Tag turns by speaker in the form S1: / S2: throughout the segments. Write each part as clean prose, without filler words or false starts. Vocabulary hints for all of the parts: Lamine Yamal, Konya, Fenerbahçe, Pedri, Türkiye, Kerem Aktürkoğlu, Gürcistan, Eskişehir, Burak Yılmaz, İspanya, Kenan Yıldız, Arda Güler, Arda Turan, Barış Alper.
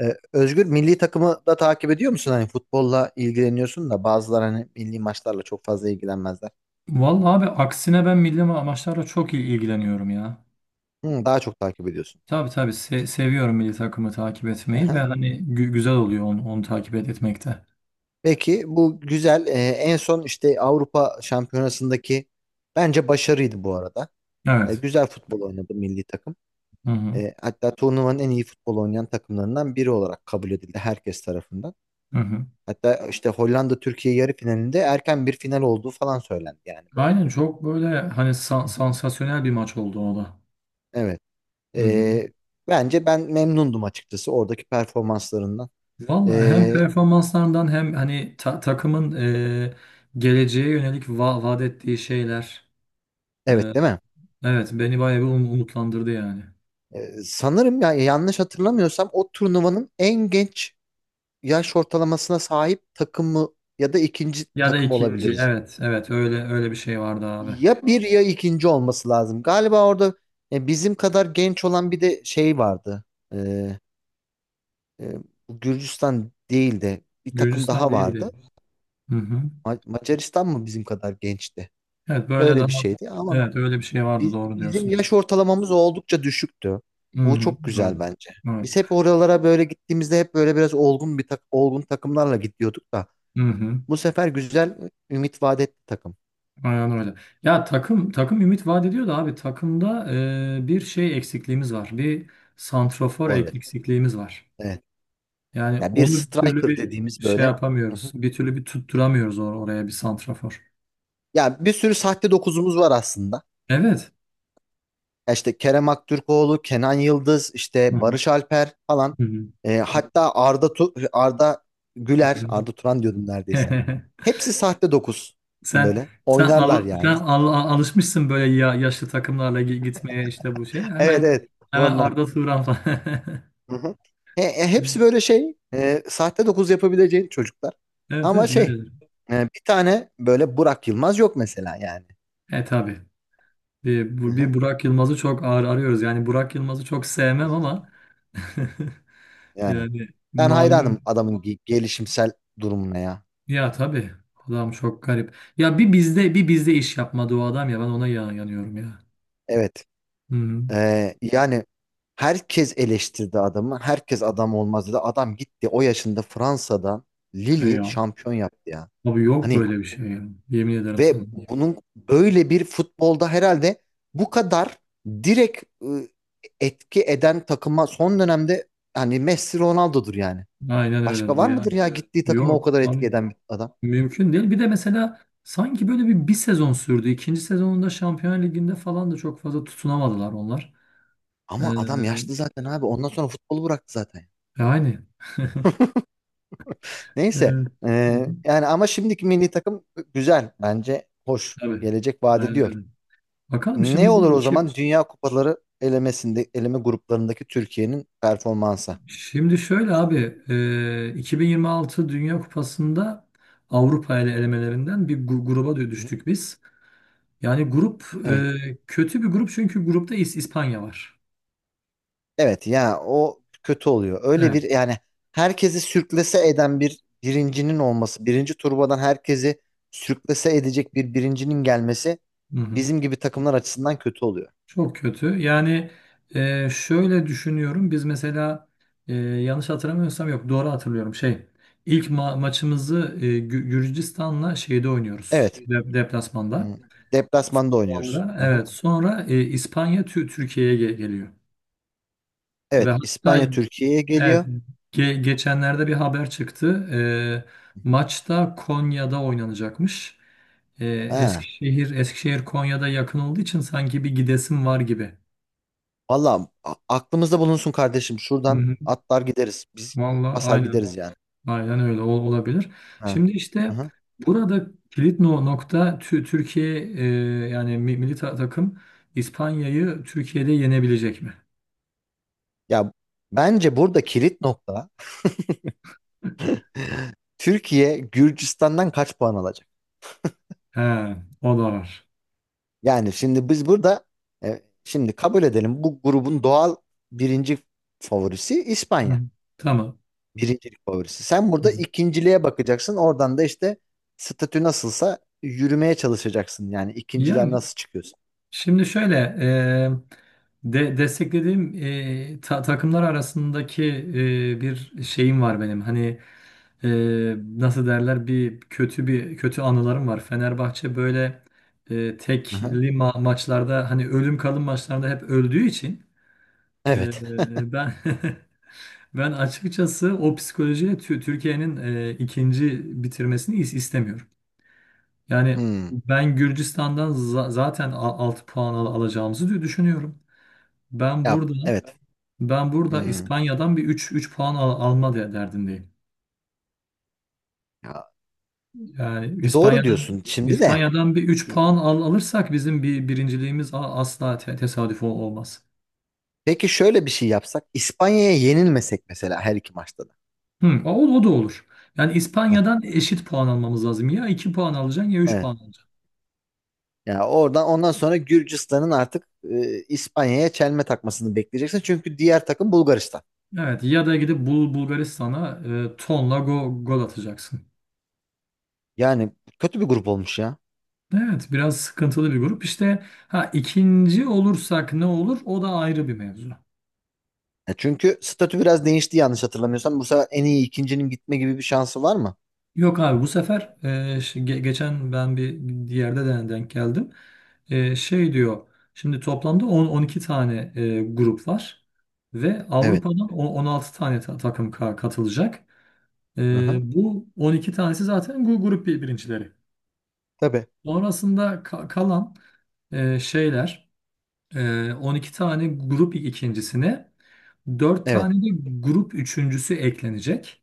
S1: Özgür, milli takımı da takip ediyor musun? Hani futbolla ilgileniyorsun da bazıları hani milli maçlarla çok fazla ilgilenmezler.
S2: Vallahi abi aksine ben milli maçlarla çok ilgileniyorum ya.
S1: Hı, daha çok takip ediyorsun.
S2: Tabii tabii, seviyorum milli takımı takip etmeyi ve
S1: Aha.
S2: hani güzel oluyor onu takip etmekte.
S1: Peki, bu güzel. En son işte Avrupa Şampiyonası'ndaki bence başarıydı bu arada. Ee,
S2: Evet.
S1: güzel futbol oynadı milli takım.
S2: Hı hı.
S1: Hatta turnuvanın en iyi futbol oynayan takımlarından biri olarak kabul edildi herkes tarafından.
S2: Hı hı.
S1: Hatta işte Hollanda Türkiye yarı finalinde erken bir final olduğu falan söylendi yani böyle.
S2: Aynen, çok böyle hani sansasyonel bir maç oldu o da.
S1: Evet.
S2: Hı hı.
S1: Ee, bence ben memnundum açıkçası oradaki performanslarından.
S2: Vallahi hem
S1: Ee,
S2: performanslarından hem hani takımın geleceğe yönelik vaat ettiği şeyler, e,
S1: evet değil mi?
S2: evet, beni bayağı bir umutlandırdı yani.
S1: Sanırım ya, yanlış hatırlamıyorsam o turnuvanın en genç yaş ortalamasına sahip takımı ya da ikinci
S2: Ya da
S1: takım
S2: ikinci,
S1: olabiliriz.
S2: evet evet, öyle öyle bir şey vardı abi.
S1: Ya bir ya ikinci olması lazım. Galiba orada bizim kadar genç olan bir de şey vardı. Ee, e, bu Gürcistan değil de bir takım
S2: Gürcistan
S1: daha vardı.
S2: değildi. Hı hı.
S1: Macaristan mı bizim kadar gençti?
S2: Evet, böyle
S1: Öyle bir
S2: daha,
S1: şeydi ama
S2: evet, öyle bir şey vardı, doğru
S1: Bizim
S2: diyorsun.
S1: yaş ortalamamız oldukça düşüktü.
S2: Hı
S1: Bu
S2: hı.
S1: çok
S2: Evet.
S1: güzel bence.
S2: Evet.
S1: Biz hep oralara böyle gittiğimizde hep böyle biraz olgun bir tak olgun takımlarla gidiyorduk da
S2: Hı hı.
S1: bu sefer güzel ümit vaat etti takım.
S2: Aynen öyle. Ya takım ümit vaat ediyor da abi takımda, bir şey eksikliğimiz var. Bir santrafor
S1: Forvet.
S2: eksikliğimiz var.
S1: Evet.
S2: Yani
S1: Yani bir
S2: onu bir türlü
S1: striker
S2: bir
S1: dediğimiz
S2: şey
S1: böyle. Hı
S2: yapamıyoruz.
S1: hı.
S2: Bir türlü bir tutturamıyoruz oraya bir santrafor.
S1: Yani bir sürü sahte dokuzumuz var aslında.
S2: Evet.
S1: Ya İşte Kerem Aktürkoğlu, Kenan Yıldız,
S2: Hı
S1: işte
S2: hı.
S1: Barış Alper falan.
S2: Hı hı.
S1: Hatta Arda
S2: Hı
S1: Güler,
S2: hı.
S1: Arda Turan diyordum neredeyse. Hepsi sahte dokuz
S2: Sen
S1: böyle.
S2: sen
S1: Oynarlar yani.
S2: alışmışsın böyle ya, yaşlı takımlarla gitmeye işte bu şey.
S1: Evet,
S2: Hemen
S1: evet
S2: hemen
S1: ondan.
S2: Arda Turan falan.
S1: Hı hı. Hepsi böyle şey sahte dokuz yapabileceğin çocuklar.
S2: Evet
S1: Ama
S2: evet,
S1: şey
S2: öyledir.
S1: bir tane böyle Burak Yılmaz yok mesela yani.
S2: Tabii.
S1: Hı hı.
S2: Bir Burak Yılmaz'ı çok ağır arıyoruz. Yani Burak Yılmaz'ı çok sevmem ama
S1: Yani
S2: yani
S1: ben hayranım
S2: malum.
S1: adamın gelişimsel durumuna ya.
S2: Ya tabii. Adam çok garip. Ya bir bizde iş yapmadı o adam ya. Ben ona yanıyorum ya.
S1: Evet.
S2: Hı hı.
S1: Yani herkes eleştirdi adamı. Herkes adam olmaz dedi. Adam gitti o yaşında Fransa'dan Lille
S2: Ya.
S1: şampiyon yaptı ya.
S2: Abi yok
S1: Hani
S2: böyle bir şey ya. Yemin ederim sana.
S1: ve bunun böyle bir futbolda herhalde bu kadar direkt etki eden takıma son dönemde hani Messi Ronaldo'dur yani.
S2: Aynen
S1: Başka
S2: öyledir
S1: var mıdır
S2: yani.
S1: ya? Bence de gittiği takıma o
S2: Yok
S1: kadar etki
S2: abi.
S1: eden bir adam?
S2: Mümkün değil. Bir de mesela sanki böyle bir sezon sürdü. İkinci sezonunda Şampiyon Ligi'nde falan da çok fazla tutunamadılar onlar. Ee,
S1: Ama adam yaşlı zaten abi. Ondan sonra futbolu bıraktı zaten.
S2: Yani,
S1: Neyse.
S2: e,
S1: Yani ama şimdiki milli takım güzel. Bence hoş.
S2: tabii.
S1: Gelecek vaat
S2: Aynen
S1: ediyor.
S2: öyle. Bakalım şimdi
S1: Ne olur
S2: bu
S1: o
S2: iki
S1: zaman Dünya Kupaları elemesinde, eleme gruplarındaki Türkiye'nin performansı?
S2: Şimdi şöyle abi, 2026 Dünya Kupası'nda Avrupa elemelerinden bir gruba
S1: Hı?
S2: düştük biz. Yani grup
S1: Evet.
S2: Kötü bir grup, çünkü grupta İspanya var.
S1: Evet ya, o kötü oluyor. Öyle bir
S2: Evet.
S1: yani, herkesi sürklese eden bir birincinin olması, birinci turbadan herkesi sürklese edecek bir birincinin gelmesi
S2: Hı hı.
S1: bizim gibi takımlar açısından kötü oluyor.
S2: Çok kötü. Yani, şöyle düşünüyorum. Biz mesela, yanlış hatırlamıyorsam, yok, doğru hatırlıyorum. İlk maçımızı, Gürcistan'la şeyde oynuyoruz.
S1: Evet. Hmm.
S2: Deplasmanda.
S1: Deplasmanda oynuyoruz.
S2: Sonra
S1: Hı hı.
S2: evet sonra İspanya Türkiye'ye geliyor. Ve
S1: Evet,
S2: hatta,
S1: İspanya Türkiye'ye
S2: evet,
S1: geliyor.
S2: geçenlerde bir haber çıktı. Maçta Konya'da oynanacakmış. E,
S1: Ha.
S2: Eskişehir Konya'da yakın olduğu için sanki bir gidesim var gibi.
S1: Valla, aklımızda bulunsun kardeşim.
S2: Hı
S1: Şuradan
S2: hı.
S1: atlar gideriz. Biz
S2: Vallahi,
S1: basar
S2: aynen.
S1: gideriz yani.
S2: Aynen öyle olabilir.
S1: Ha.
S2: Şimdi
S1: Hı
S2: işte
S1: hı.
S2: burada kilit nokta, Türkiye, yani milli takım, İspanya'yı Türkiye'de yenebilecek mi?
S1: Ya, bence burada kilit nokta, Türkiye Gürcistan'dan kaç puan alacak?
S2: He, o da var.
S1: Yani şimdi biz burada şimdi kabul edelim, bu grubun doğal birinci favorisi
S2: Hı.
S1: İspanya.
S2: Tamam.
S1: Birincilik favorisi. Sen burada
S2: Hı.
S1: ikinciliğe bakacaksın. Oradan da işte statü nasılsa yürümeye çalışacaksın. Yani
S2: Ya
S1: ikinciler nasıl çıkıyorsa.
S2: şimdi şöyle, desteklediğim takımlar arasındaki, bir şeyim var benim. Hani, nasıl derler, bir kötü anılarım var. Fenerbahçe böyle,
S1: Aha.
S2: tekli maçlarda hani ölüm kalım maçlarında hep öldüğü için,
S1: Evet.
S2: e, ben ben açıkçası o psikolojiyle Türkiye'nin, ikinci bitirmesini istemiyorum. Yani
S1: Hmm.
S2: ben Gürcistan'dan zaten 6 puan alacağımızı düşünüyorum. Ben
S1: Ya,
S2: burada
S1: evet.
S2: Ben burada
S1: Hmm.
S2: İspanya'dan bir 3 puan alma derdindeyim.
S1: Ya,
S2: Yani
S1: doğru diyorsun. Şimdi de
S2: İspanya'dan bir 3 puan alırsak bizim bir birinciliğimiz asla tesadüf olmaz.
S1: peki şöyle bir şey yapsak, İspanya'ya yenilmesek mesela her iki maçta da.
S2: Hı, o da olur. Yani
S1: Heh,
S2: İspanya'dan eşit puan almamız lazım. Ya 2 puan alacaksın ya 3
S1: evet.
S2: puan alacaksın.
S1: Yani oradan ondan sonra Gürcistan'ın artık İspanya'ya çelme takmasını bekleyeceksin. Çünkü diğer takım Bulgaristan.
S2: Evet, ya da gidip Bulgaristan'a, tonla gol atacaksın.
S1: Yani kötü bir grup olmuş ya.
S2: Evet, biraz sıkıntılı bir grup. İşte, ha, ikinci olursak ne olur, o da ayrı bir mevzu.
S1: Ya çünkü statü biraz değişti yanlış hatırlamıyorsam. Bu sefer en iyi ikincinin gitme gibi bir şansı var mı?
S2: Yok abi, bu sefer geçen ben bir yerde de denk geldim. Şey diyor, şimdi toplamda 10-12 tane grup var ve
S1: Evet.
S2: Avrupa'dan 16 tane takım katılacak.
S1: Aha.
S2: Bu 12 tanesi zaten grup birincileri.
S1: Tabii.
S2: Sonrasında kalan, şeyler, 12 tane grup ikincisine 4
S1: Evet.
S2: tane de grup üçüncüsü eklenecek.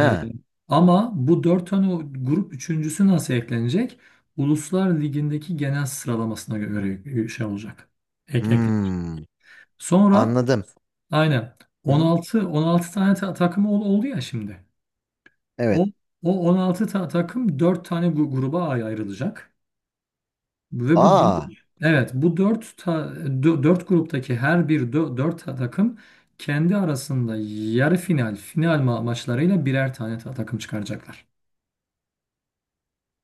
S2: Ee, Ama bu dört tane o grup üçüncüsü nasıl eklenecek? Uluslar Ligi'ndeki genel sıralamasına göre şey olacak. Eklenecek.
S1: Hmm.
S2: Sonra
S1: Anladım.
S2: aynen,
S1: Hı-hı.
S2: 16 tane takım oldu ya şimdi.
S1: Evet.
S2: O O 16 takım 4 tane gruba ayrılacak. Ve bu
S1: Aa.
S2: dö- evet bu 4 ta, 4 gruptaki her bir 4 takım kendi arasında yarı final, final maçlarıyla birer tane takım çıkaracaklar.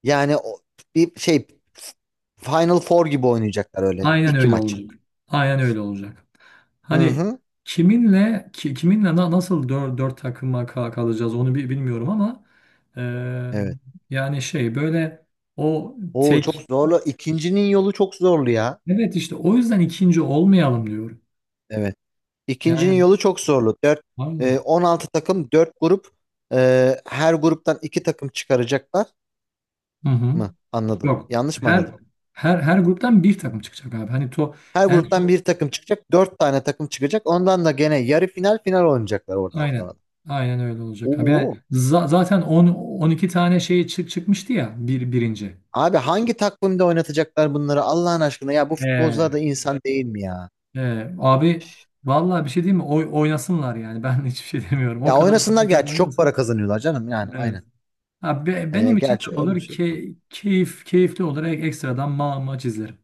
S1: Yani o, bir şey, Final Four gibi oynayacaklar öyle.
S2: Aynen
S1: İki
S2: öyle
S1: maç.
S2: olacak. Aynen öyle olacak. Hani
S1: Hı-hı.
S2: kiminle nasıl dört takıma kalacağız, onu bilmiyorum ama, eee,
S1: Evet.
S2: yani şey böyle o
S1: Oo, çok
S2: tek
S1: zorlu. İkincinin yolu çok zorlu ya.
S2: evet, işte o yüzden ikinci olmayalım diyorum.
S1: Evet. İkincinin
S2: Yani,
S1: yolu çok zorlu. 4,
S2: aynen.
S1: 16 takım, 4 grup, her gruptan 2 takım çıkaracaklar
S2: Hı hı.
S1: mı? Anladım.
S2: Yok.
S1: Yanlış mı
S2: Her
S1: anladım?
S2: Her gruptan bir takım çıkacak abi. Hani
S1: Her
S2: en son,
S1: gruptan bir takım çıkacak. Dört tane takım çıkacak. Ondan da gene yarı final, final oynayacaklar oradan sonra
S2: aynen.
S1: da.
S2: Aynen öyle olacak abi. Yani
S1: Oo.
S2: zaten 10 12 tane şey çıkmıştı ya bir birinci.
S1: Abi, hangi takvimde oynatacaklar bunları Allah'ın aşkına, ya bu
S2: Ee,
S1: futbolcular da insan değil mi ya?
S2: Abi vallahi bir şey diyeyim mi? Oynasınlar yani. Ben hiçbir şey demiyorum. O
S1: Ya
S2: kadar
S1: oynasınlar
S2: para
S1: gerçi, çok
S2: kazanıyorsa.
S1: para kazanıyorlar canım, yani
S2: Evet.
S1: aynen.
S2: Ha,
S1: E,
S2: benim için
S1: gerçi
S2: ne olur?
S1: öyle bir şey.
S2: Keyifli olur. Ekstradan maç izlerim.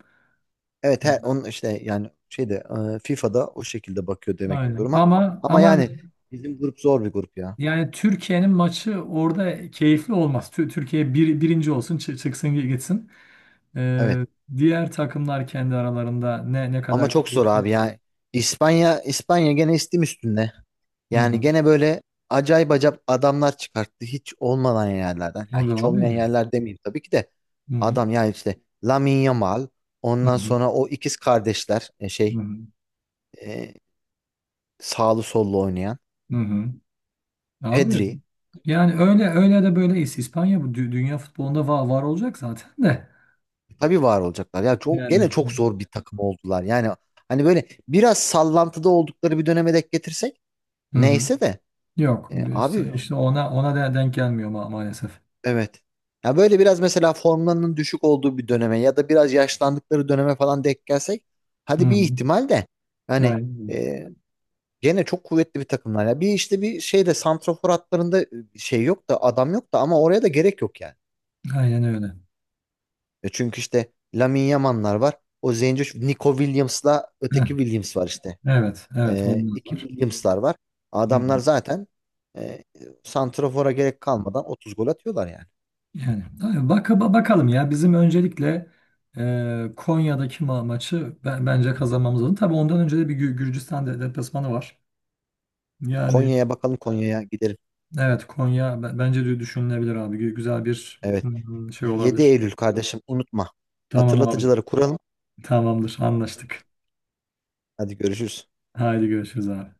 S1: Evet
S2: Evet,
S1: he, onun işte yani şeyde FIFA'da o şekilde bakıyor demek ki
S2: aynen.
S1: duruma. Ama
S2: Ama
S1: yani bizim grup zor bir grup ya.
S2: yani, Türkiye'nin maçı orada keyifli olmaz. Türkiye birinci olsun, çıksın gitsin.
S1: Evet.
S2: Ee, Diğer takımlar kendi aralarında ne
S1: Ama
S2: kadar
S1: çok zor
S2: keyifli.
S1: abi ya. İspanya gene istim üstünde.
S2: Hı
S1: Yani
S2: hı.
S1: gene böyle acayip acayip adamlar çıkarttı hiç olmayan yerlerden. Yani
S2: Tabii
S1: hiç olmayan
S2: abi.
S1: yerler demeyeyim tabii ki de.
S2: Hı hı.
S1: Adam ya işte Lamine Yamal,
S2: Hı
S1: ondan
S2: hı.
S1: sonra o ikiz kardeşler
S2: Hı hı.
S1: e, sağlı sollu oynayan
S2: Hı hı. Abi
S1: Pedri.
S2: yani, öyle öyle de böyle, İspanya bu dünya futbolunda var, var olacak zaten de.
S1: Tabii var olacaklar. Ya çok, gene
S2: Yani.
S1: çok zor bir takım oldular. Yani hani böyle biraz sallantıda oldukları bir döneme denk getirsek
S2: Hı hı.
S1: neyse de
S2: Yok,
S1: abi
S2: işte ona denk gelmiyor maalesef.
S1: evet. Ya böyle biraz mesela formlarının düşük olduğu bir döneme ya da biraz yaşlandıkları döneme falan denk gelsek
S2: Hı
S1: hadi bir
S2: hı.
S1: ihtimal de, hani
S2: Aynen,
S1: e, gene çok kuvvetli bir takımlar. Ya bir işte bir şeyde, santrafor hatlarında şey yok da, adam yok da, ama oraya da gerek yok yani.
S2: aynen öyle.
S1: Çünkü işte Lamine Yamal'lar var. O Zenci Nico Williams'la
S2: Heh,
S1: öteki Williams var işte.
S2: evet evet,
S1: E,
S2: onlar
S1: iki
S2: var.
S1: Williams'lar var.
S2: Hı
S1: Adamlar
S2: hı.
S1: zaten e, santrafora gerek kalmadan 30 gol atıyorlar yani.
S2: Yani abi, bak, bakalım ya, bizim öncelikle Konya'daki maçı, bence kazanmamız lazım. Tabii ondan önce de bir Gürcistan deplasmanı var. Yani.
S1: Konya'ya bakalım, Konya'ya gidelim.
S2: Evet, Konya bence de düşünülebilir abi. Güzel bir
S1: Evet.
S2: şey
S1: 7
S2: olabilir.
S1: Eylül kardeşim, unutma.
S2: Tamam abi.
S1: Hatırlatıcıları kuralım.
S2: Tamamdır. Anlaştık.
S1: Hadi görüşürüz.
S2: Haydi görüşürüz abi.